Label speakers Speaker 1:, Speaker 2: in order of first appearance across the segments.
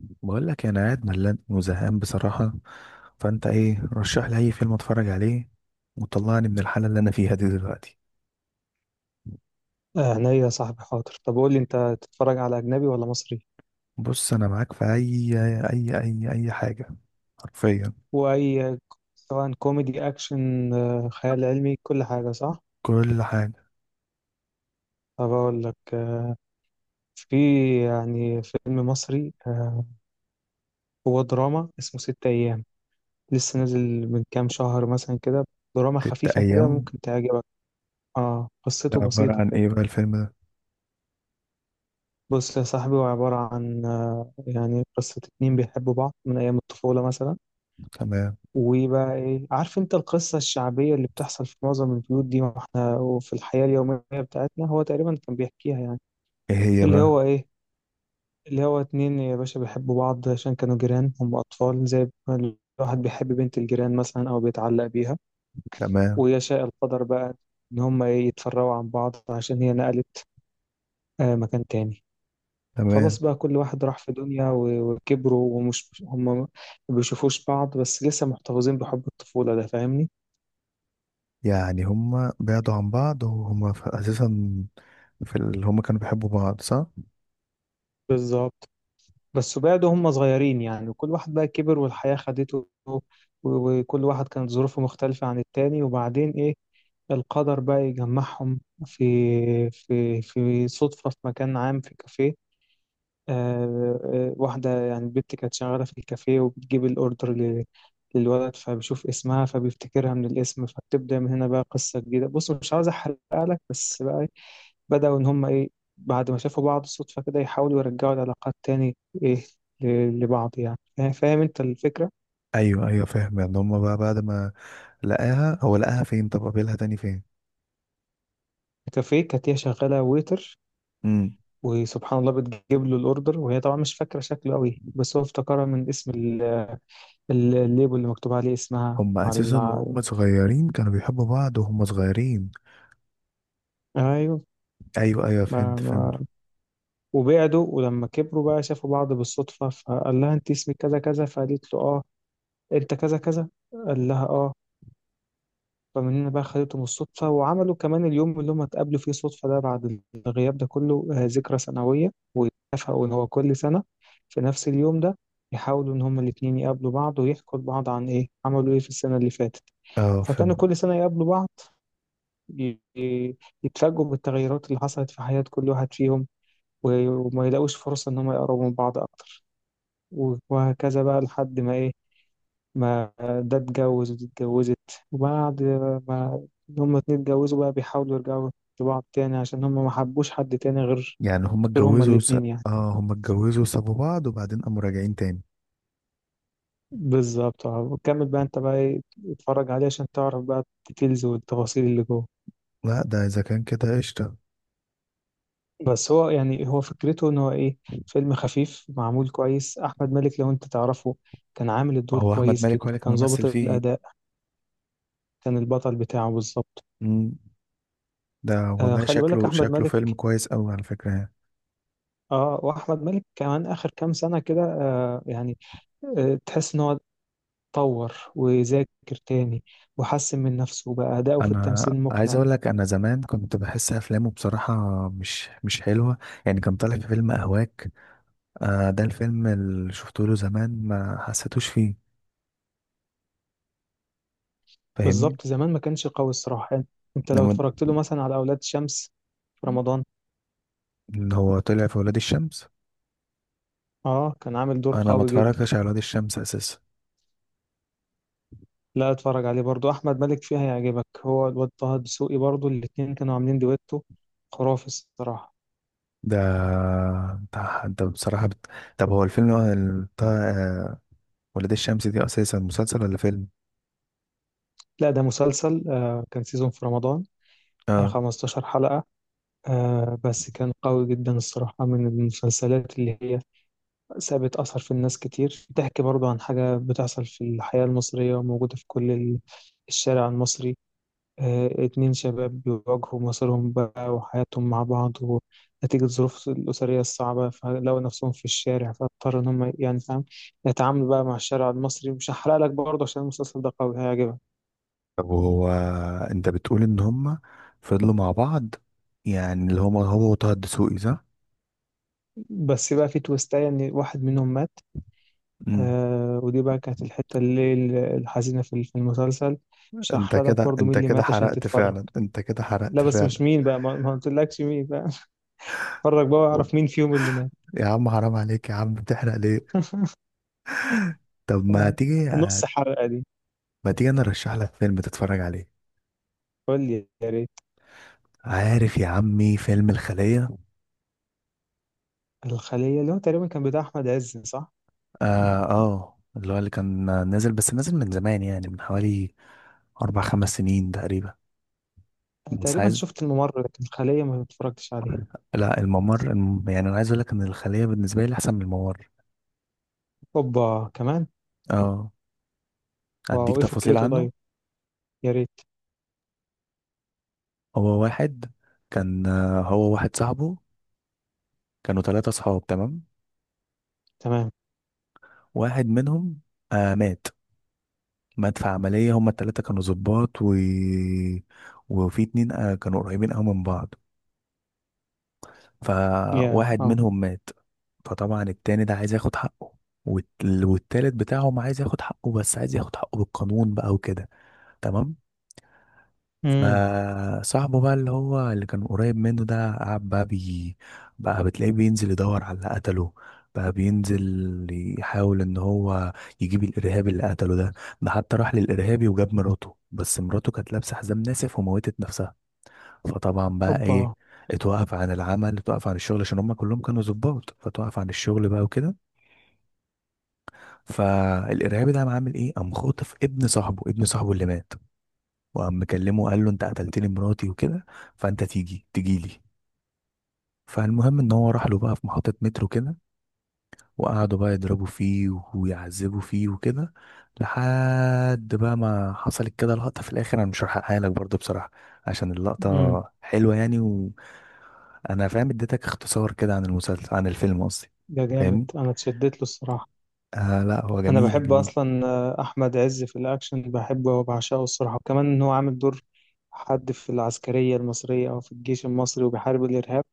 Speaker 1: بقول لك انا قاعد ملان وزهقان بصراحة. فانت ايه، رشح لي اي فيلم اتفرج عليه وطلعني من الحالة اللي انا فيها دي دلوقتي.
Speaker 2: هنا يا صاحبي، حاضر. طب قول لي انت تتفرج على اجنبي ولا مصري
Speaker 1: بص، انا معاك في اي اي حاجة، حرفيا
Speaker 2: واي. سواء كوميدي اكشن خيال علمي كل حاجه، صح؟
Speaker 1: كل حاجة.
Speaker 2: طب اقول لك، في يعني فيلم مصري هو دراما اسمه ست ايام، لسه نازل من كام شهر مثلا كده. دراما
Speaker 1: ست
Speaker 2: خفيفه كده
Speaker 1: ايام،
Speaker 2: ممكن تعجبك. اه
Speaker 1: ده
Speaker 2: قصته
Speaker 1: عبارة
Speaker 2: بسيطه
Speaker 1: عن
Speaker 2: كده.
Speaker 1: ايه بقى الفيلم ده؟
Speaker 2: بص يا صاحبي هو عباره عن يعني قصه اتنين بيحبوا بعض من ايام الطفوله مثلا.
Speaker 1: تمام.
Speaker 2: وبقى ايه، عارف انت القصة الشعبية اللي بتحصل في معظم البيوت دي، واحنا وفي الحياة اليومية بتاعتنا هو تقريبا كان بيحكيها يعني.
Speaker 1: ايه هي
Speaker 2: اللي
Speaker 1: بقى؟
Speaker 2: هو ايه، اللي هو اتنين يا باشا بيحبوا بعض عشان كانوا جيران، هم أطفال زي ما الواحد بيحب بنت الجيران مثلا أو بيتعلق بيها.
Speaker 1: تمام.
Speaker 2: ويشاء القدر بقى إن هم إيه، يتفرقوا عن بعض عشان هي نقلت مكان تاني.
Speaker 1: تمام،
Speaker 2: خلاص بقى كل واحد راح في دنيا وكبروا ومش هم ما بيشوفوش بعض، بس لسه محتفظين بحب الطفولة ده، فاهمني؟
Speaker 1: يعني هما بعدوا عن بعض وهما اساسا في اللي هما كانوا بيحبوا بعض، صح؟
Speaker 2: بالظبط. بس بعدوا هم صغيرين يعني، وكل واحد بقى كبر والحياة خدته وكل واحد كانت ظروفه مختلفة عن التاني، وبعدين إيه، القدر بقى يجمعهم في في صدفة في مكان عام في كافيه. آه واحدة يعني البت كانت شغالة في الكافيه وبتجيب الأوردر للولد، فبيشوف اسمها فبيفتكرها من الاسم، فبتبدأ من هنا بقى قصة جديدة. بص مش عاوز أحرقها لك، بس بقى بدأوا إن هم إيه، بعد ما شافوا بعض صدفة كده يحاولوا يرجعوا العلاقات تاني، إيه لبعض يعني. فاهم أنت الفكرة؟
Speaker 1: ايوه ايوه فاهم. يعني هما بقى بعد ما لقاها هو فين؟ طب قابلها تاني فين؟
Speaker 2: كافيه كانت هي شغالة ويتر،
Speaker 1: مم.
Speaker 2: وسبحان الله بتجيب له الأوردر، وهي طبعا مش فاكرة شكله أوي، بس هو افتكرها من اسم الليبل اللي مكتوب عليه اسمها
Speaker 1: هم
Speaker 2: على.
Speaker 1: اساسا وهم صغيرين كانوا بيحبوا بعض وهم صغيرين.
Speaker 2: أيوه.
Speaker 1: ايوه ايوه،
Speaker 2: ما
Speaker 1: فهمت فهمت.
Speaker 2: ما وبعدوا ولما كبروا بقى شافوا بعض بالصدفة، فقال لها أنت اسمك كذا كذا، فقالت له أه، أنت كذا كذا، قال لها أه. فمن هنا بقى خدتهم الصدفة، وعملوا كمان اليوم اللي هم اتقابلوا فيه صدفة ده بعد الغياب ده كله ذكرى سنوية، واتفقوا إن هو كل سنة في نفس اليوم ده يحاولوا إن هما الاتنين يقابلوا بعض ويحكوا لبعض عن إيه عملوا إيه في السنة اللي فاتت.
Speaker 1: اه فهمت.
Speaker 2: فكانوا كل سنة يقابلوا بعض، ي- ي- يتفاجئوا بالتغيرات اللي حصلت في حياة كل واحد فيهم، وما يلاقوش فرصة إن هما يقربوا من بعض أكتر، وهكذا بقى لحد ما إيه، ما ده اتجوز ودي اتجوزت. وبعد ما هما اتنين اتجوزوا بقى بيحاولوا يرجعوا لبعض تاني، عشان هما ما حبوش حد تاني غير
Speaker 1: يعني هم
Speaker 2: غير هما
Speaker 1: اتجوزوا
Speaker 2: الاتنين يعني.
Speaker 1: اه، هم اتجوزوا وسابوا بعض وبعدين قاموا راجعين تاني.
Speaker 2: بالظبط. اه وكمل بقى انت بقى ايه، اتفرج عليه عشان تعرف بقى الديتيلز والتفاصيل اللي جوه.
Speaker 1: لا ده اذا كان كده قشطه.
Speaker 2: بس هو يعني هو فكرته ان هو ايه، فيلم خفيف معمول كويس. احمد مالك لو انت تعرفه كان عامل الدور
Speaker 1: هو احمد
Speaker 2: كويس
Speaker 1: مالك هو
Speaker 2: جدا،
Speaker 1: اللي كان
Speaker 2: كان ظابط
Speaker 1: ممثل فيه؟
Speaker 2: الاداء، كان البطل بتاعه بالظبط.
Speaker 1: امم. ده
Speaker 2: آه
Speaker 1: والله
Speaker 2: خلي بالك،
Speaker 1: شكله
Speaker 2: احمد
Speaker 1: شكله
Speaker 2: مالك.
Speaker 1: فيلم كويس قوي على فكره يعني.
Speaker 2: اه واحمد مالك كمان اخر كام سنه كده آه يعني آه، تحس ان هو اتطور وذاكر تاني، وحسن من نفسه بقى، اداؤه في
Speaker 1: انا
Speaker 2: التمثيل
Speaker 1: عايز
Speaker 2: مقنع.
Speaker 1: اقول لك، انا زمان كنت بحس افلامه بصراحه مش حلوه. يعني كان طالع في فيلم اهواك، آه ده الفيلم اللي شفته له زمان، ما حسيتوش فيه، فاهمني؟
Speaker 2: بالظبط، زمان ما كانش قوي الصراحه يعني. انت لو
Speaker 1: لما
Speaker 2: اتفرجت له مثلا على اولاد شمس في رمضان،
Speaker 1: اللي هو طلع في ولاد الشمس.
Speaker 2: اه كان عامل دور
Speaker 1: انا ما
Speaker 2: قوي جدا.
Speaker 1: اتفرجتش على ولاد الشمس اساسا.
Speaker 2: لا اتفرج عليه برضو، احمد مالك فيها هيعجبك. هو الواد طه دسوقي برضو الاتنين كانوا عاملين دويتو خرافي الصراحه.
Speaker 1: ده انت انت بصراحة طب هو الفيلم هو بتاع ولاد الشمس دي اساسا مسلسل ولا فيلم؟
Speaker 2: لا ده مسلسل، آه كان سيزون في رمضان، آه
Speaker 1: اه.
Speaker 2: 15 حلقه، آه بس كان قوي جدا الصراحة، من المسلسلات اللي هي سابت أثر في الناس كتير، بتحكي برضو عن حاجة بتحصل في الحياة المصرية وموجودة في كل الشارع المصري. آه اتنين شباب بيواجهوا مصيرهم بقى وحياتهم مع بعض، ونتيجة ظروف الأسرية الصعبة فلقوا نفسهم في الشارع، فاضطروا إن هم يعني، فاهم، يتعاملوا بقى مع الشارع المصري. مش هحرق لك برضه عشان المسلسل ده قوي هيعجبك.
Speaker 1: طب هو انت بتقول ان هما فضلوا مع بعض، يعني اللي هما هو وطه الدسوقي، صح؟
Speaker 2: بس بقى في تويستاية إن واحد منهم مات.
Speaker 1: امم.
Speaker 2: آه ودي بقى كانت الحتة اللي الحزينة في المسلسل. مش
Speaker 1: انت
Speaker 2: هحرق لك
Speaker 1: كده
Speaker 2: برضو
Speaker 1: انت
Speaker 2: مين اللي
Speaker 1: كده
Speaker 2: مات، عشان
Speaker 1: حرقت
Speaker 2: تتفرج.
Speaker 1: فعلا، انت كده حرقت
Speaker 2: لا بس مش
Speaker 1: فعلا.
Speaker 2: مين بقى، ما ما قلتلكش مين بقى اتفرج بقى واعرف مين فيهم اللي مات.
Speaker 1: يا عم حرام عليك، يا عم بتحرق ليه؟ طب ما
Speaker 2: آه.
Speaker 1: تيجي،
Speaker 2: نص حلقة دي.
Speaker 1: ما تيجي انا ارشح لك فيلم تتفرج عليه.
Speaker 2: قول لي يا ريت.
Speaker 1: عارف يا عمي فيلم الخلية؟
Speaker 2: الخلية، اللي هو تقريبا كان بتاع أحمد عز، صح؟
Speaker 1: اه اه، اللي هو اللي كان نازل، بس نازل من زمان، يعني من حوالي أربع خمس سنين تقريبا.
Speaker 2: أنا
Speaker 1: بس
Speaker 2: تقريبا
Speaker 1: عايز،
Speaker 2: شفت الممر، لكن الخلية ما اتفرجتش عليه.
Speaker 1: لا الممر يعني أنا عايز أقول لك إن الخلية بالنسبة لي أحسن من الممر.
Speaker 2: أوبا كمان.
Speaker 1: اه، أديك
Speaker 2: واو إيه
Speaker 1: تفاصيل
Speaker 2: فكرته
Speaker 1: عنه.
Speaker 2: طيب؟ يا ريت.
Speaker 1: هو واحد، كان هو واحد صاحبه، كانوا ثلاثة صحاب، تمام؟
Speaker 2: تمام.
Speaker 1: واحد منهم آه مات، مات في عملية. هما التلاتة كانوا ظباط، و... وفي اتنين آه كانوا قريبين أوي من بعض،
Speaker 2: يا
Speaker 1: فواحد
Speaker 2: اه.
Speaker 1: منهم مات. فطبعا التاني ده عايز ياخد حقه، والتالت بتاعهم عايز ياخد حقه، بس عايز ياخد حقه بالقانون بقى وكده. تمام.
Speaker 2: امم.
Speaker 1: فصاحبه بقى اللي هو اللي كان قريب منه ده قعد بقى بتلاقيه بينزل يدور على اللي قتله، بقى بينزل يحاول ان هو يجيب الارهابي اللي قتله ده. ده حتى راح للارهابي وجاب مراته، بس مراته كانت لابسه حزام ناسف وموتت نفسها. فطبعا بقى ايه،
Speaker 2: أوبا.
Speaker 1: اتوقف عن العمل، اتوقف عن الشغل، عشان هم كلهم كانوا ظباط، فتوقف عن الشغل بقى وكده. فالارهابي ده قام عامل ايه، قام خاطف ابن صاحبه، ابن صاحبه اللي مات، وقام مكلمه قال له انت قتلتني مراتي وكده، فانت تيجي لي. فالمهم ان هو راح له بقى في محطة مترو كده، وقعدوا بقى يضربوا فيه ويعذبوا فيه وكده. لحد بقى ما حصلت كده لقطة في الآخر، أنا مش هحرقها لك برضه بصراحة عشان
Speaker 2: امم.
Speaker 1: اللقطة حلوة يعني. انا فاهم، اديتك اختصار كده عن المسلسل، عن الفيلم قصدي،
Speaker 2: ده جامد،
Speaker 1: فاهمني؟
Speaker 2: أنا اتشدت له الصراحة.
Speaker 1: آه لا هو
Speaker 2: انا
Speaker 1: جميل
Speaker 2: بحب
Speaker 1: جميل.
Speaker 2: اصلا، احمد عز في الاكشن بحبه وبعشقه الصراحه، وكمان ان هو عامل دور حد في العسكريه المصريه او في الجيش المصري وبيحارب الارهاب،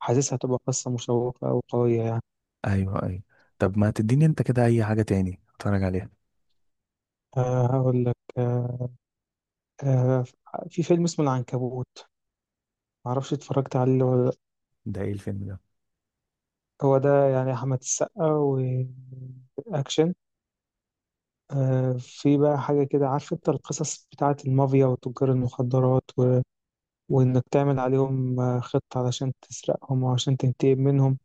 Speaker 2: حاسسها هتبقى قصه مشوقه وقويه يعني.
Speaker 1: ايوه ايوه، طب ما تديني انت كده اي حاجه تاني اتفرج عليها.
Speaker 2: أه هقول لك أه، أه، في فيلم اسمه العنكبوت، معرفش اتفرجت عليه ولا لأ.
Speaker 1: ده ايه الفيلم ده؟
Speaker 2: هو ده يعني احمد السقا واكشن. أه في بقى حاجه كده، عارف انت القصص بتاعه المافيا وتجار المخدرات، وإنك تعمل عليهم خطة علشان تسرقهم وعشان تنتقم منهم،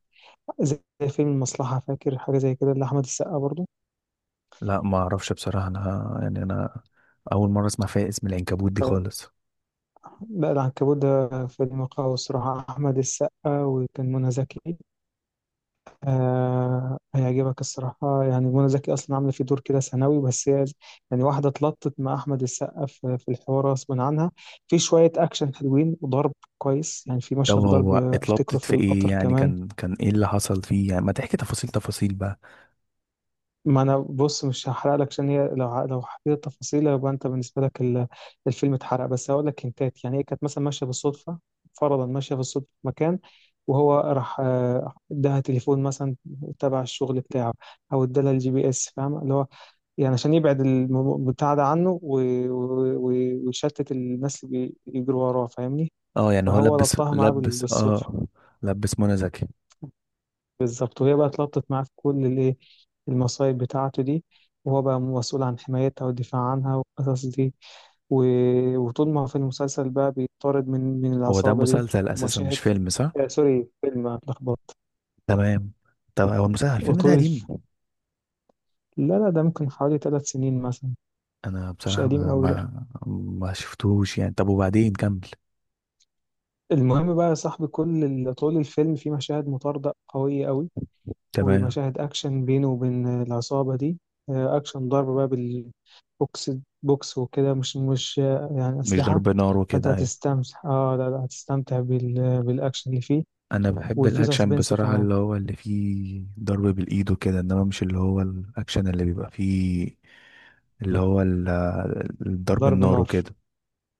Speaker 2: زي فيلم المصلحة، فاكر حاجة زي كده لأحمد السقا برضو.
Speaker 1: لا ما اعرفش بصراحه، انا يعني انا اول مره اسمع فيها اسم العنكبوت دي
Speaker 2: طيب.
Speaker 1: خالص.
Speaker 2: لا العنكبوت ده فيلم قوي الصراحة، أحمد السقا وكان منى زكي. آه هيعجبك الصراحة، يعني منى زكي أصلا عاملة فيه دور كده ثانوي، بس هي يعني واحدة اتلطت مع أحمد السقا في الحوار غصب عنها. في شوية أكشن حلوين وضرب كويس، يعني في
Speaker 1: طب
Speaker 2: مشهد ضرب
Speaker 1: هو
Speaker 2: أفتكره
Speaker 1: اتلبطت
Speaker 2: في
Speaker 1: في ايه
Speaker 2: القطر
Speaker 1: يعني،
Speaker 2: كمان.
Speaker 1: كان كان ايه اللي حصل فيه يعني، ما تحكي تفاصيل بقى.
Speaker 2: ما انا بص مش هحرق لك، عشان هي لو لو حكيت التفاصيل يبقى انت بالنسبه لك الفيلم اتحرق. بس هقول لك هنتات، يعني هي كانت مثلا ماشيه بالصدفه، فرضا ماشيه بالصدفه في مكان، وهو راح اداها تليفون مثلا تبع الشغل بتاعه، او ادالها الجي بي اس، فاهم، اللي هو يعني عشان يبعد بتاع ده عنه ويشتت الناس اللي بيجروا وراه، فاهمني؟
Speaker 1: اه يعني هو
Speaker 2: فهو
Speaker 1: لبس
Speaker 2: ربطها معاه
Speaker 1: لبس
Speaker 2: بالصدفه.
Speaker 1: اه، لبس منى زكي.
Speaker 2: بالظبط وهي بقى اتلطت معاه في كل الايه، المصايب بتاعته دي، وهو بقى مسؤول عن حمايتها والدفاع عنها والقصص دي، و... وطول ما هو في المسلسل بقى بيطارد من
Speaker 1: هو ده
Speaker 2: العصابة دي.
Speaker 1: مسلسل اساسا مش
Speaker 2: مشاهد،
Speaker 1: فيلم، صح؟
Speaker 2: آه سوري فيلم، اتلخبطت.
Speaker 1: تمام. طب هو المسلسل، الفيلم ده
Speaker 2: وطول الف،
Speaker 1: قديم؟
Speaker 2: لا لا ده ممكن حوالي ثلاث سنين مثلا.
Speaker 1: انا
Speaker 2: مش
Speaker 1: بصراحة
Speaker 2: قديم
Speaker 1: ما
Speaker 2: قوي، لا.
Speaker 1: ما, ما شفتهوش يعني، طب وبعدين كمل.
Speaker 2: المهم بقى يا صاحبي كل ال، طول الفيلم في مشاهد مطاردة قوية قوي
Speaker 1: تمام.
Speaker 2: ومشاهد أكشن بينه وبين العصابة دي، أكشن ضرب بقى بالبوكس، بوكس وكده، مش يعني
Speaker 1: مش
Speaker 2: أسلحة.
Speaker 1: ضرب نار
Speaker 2: فأنت
Speaker 1: وكده، ايوه.
Speaker 2: هتستمتع آه لا لا، هتستمتع بال، بالأكشن اللي فيه،
Speaker 1: انا بحب
Speaker 2: وفي
Speaker 1: الاكشن
Speaker 2: سسبنس
Speaker 1: بصراحة
Speaker 2: كمان.
Speaker 1: اللي هو اللي فيه ضرب بالايد وكده، انما مش اللي هو الاكشن اللي بيبقى فيه اللي هو الضرب
Speaker 2: ضرب
Speaker 1: النار
Speaker 2: نار،
Speaker 1: وكده،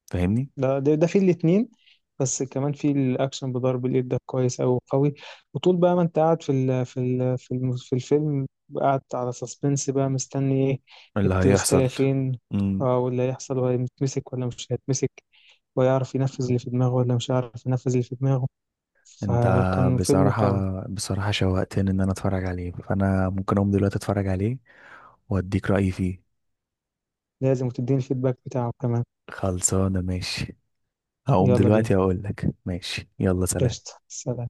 Speaker 1: فاهمني؟
Speaker 2: ده في الاتنين، بس كمان في الأكشن بضرب اليد ده كويس أوي قوي. وطول بقى ما أنت قاعد في ال، في ال، الم، في الفيلم، قاعد على سسبنس بقى، مستني إيه،
Speaker 1: اللي هيحصل.
Speaker 2: التوستاية فين.
Speaker 1: مم.
Speaker 2: آه واللي هيحصل، وهيتمسك ولا مش هيتمسك، ويعرف ينفذ اللي في دماغه ولا مش عارف ينفذ اللي في دماغه.
Speaker 1: انت
Speaker 2: فكان فيلم
Speaker 1: بصراحة،
Speaker 2: قوي.
Speaker 1: بصراحة شوقتني ان انا اتفرج عليه، فانا ممكن اقوم دلوقتي اتفرج عليه واديك رأيي فيه.
Speaker 2: لازم تديني الفيدباك بتاعه كمان.
Speaker 1: خلصانة ماشي. هقوم
Speaker 2: يلا بينا.
Speaker 1: دلوقتي، اقول لك ماشي، يلا سلام.
Speaker 2: قشطة سلام.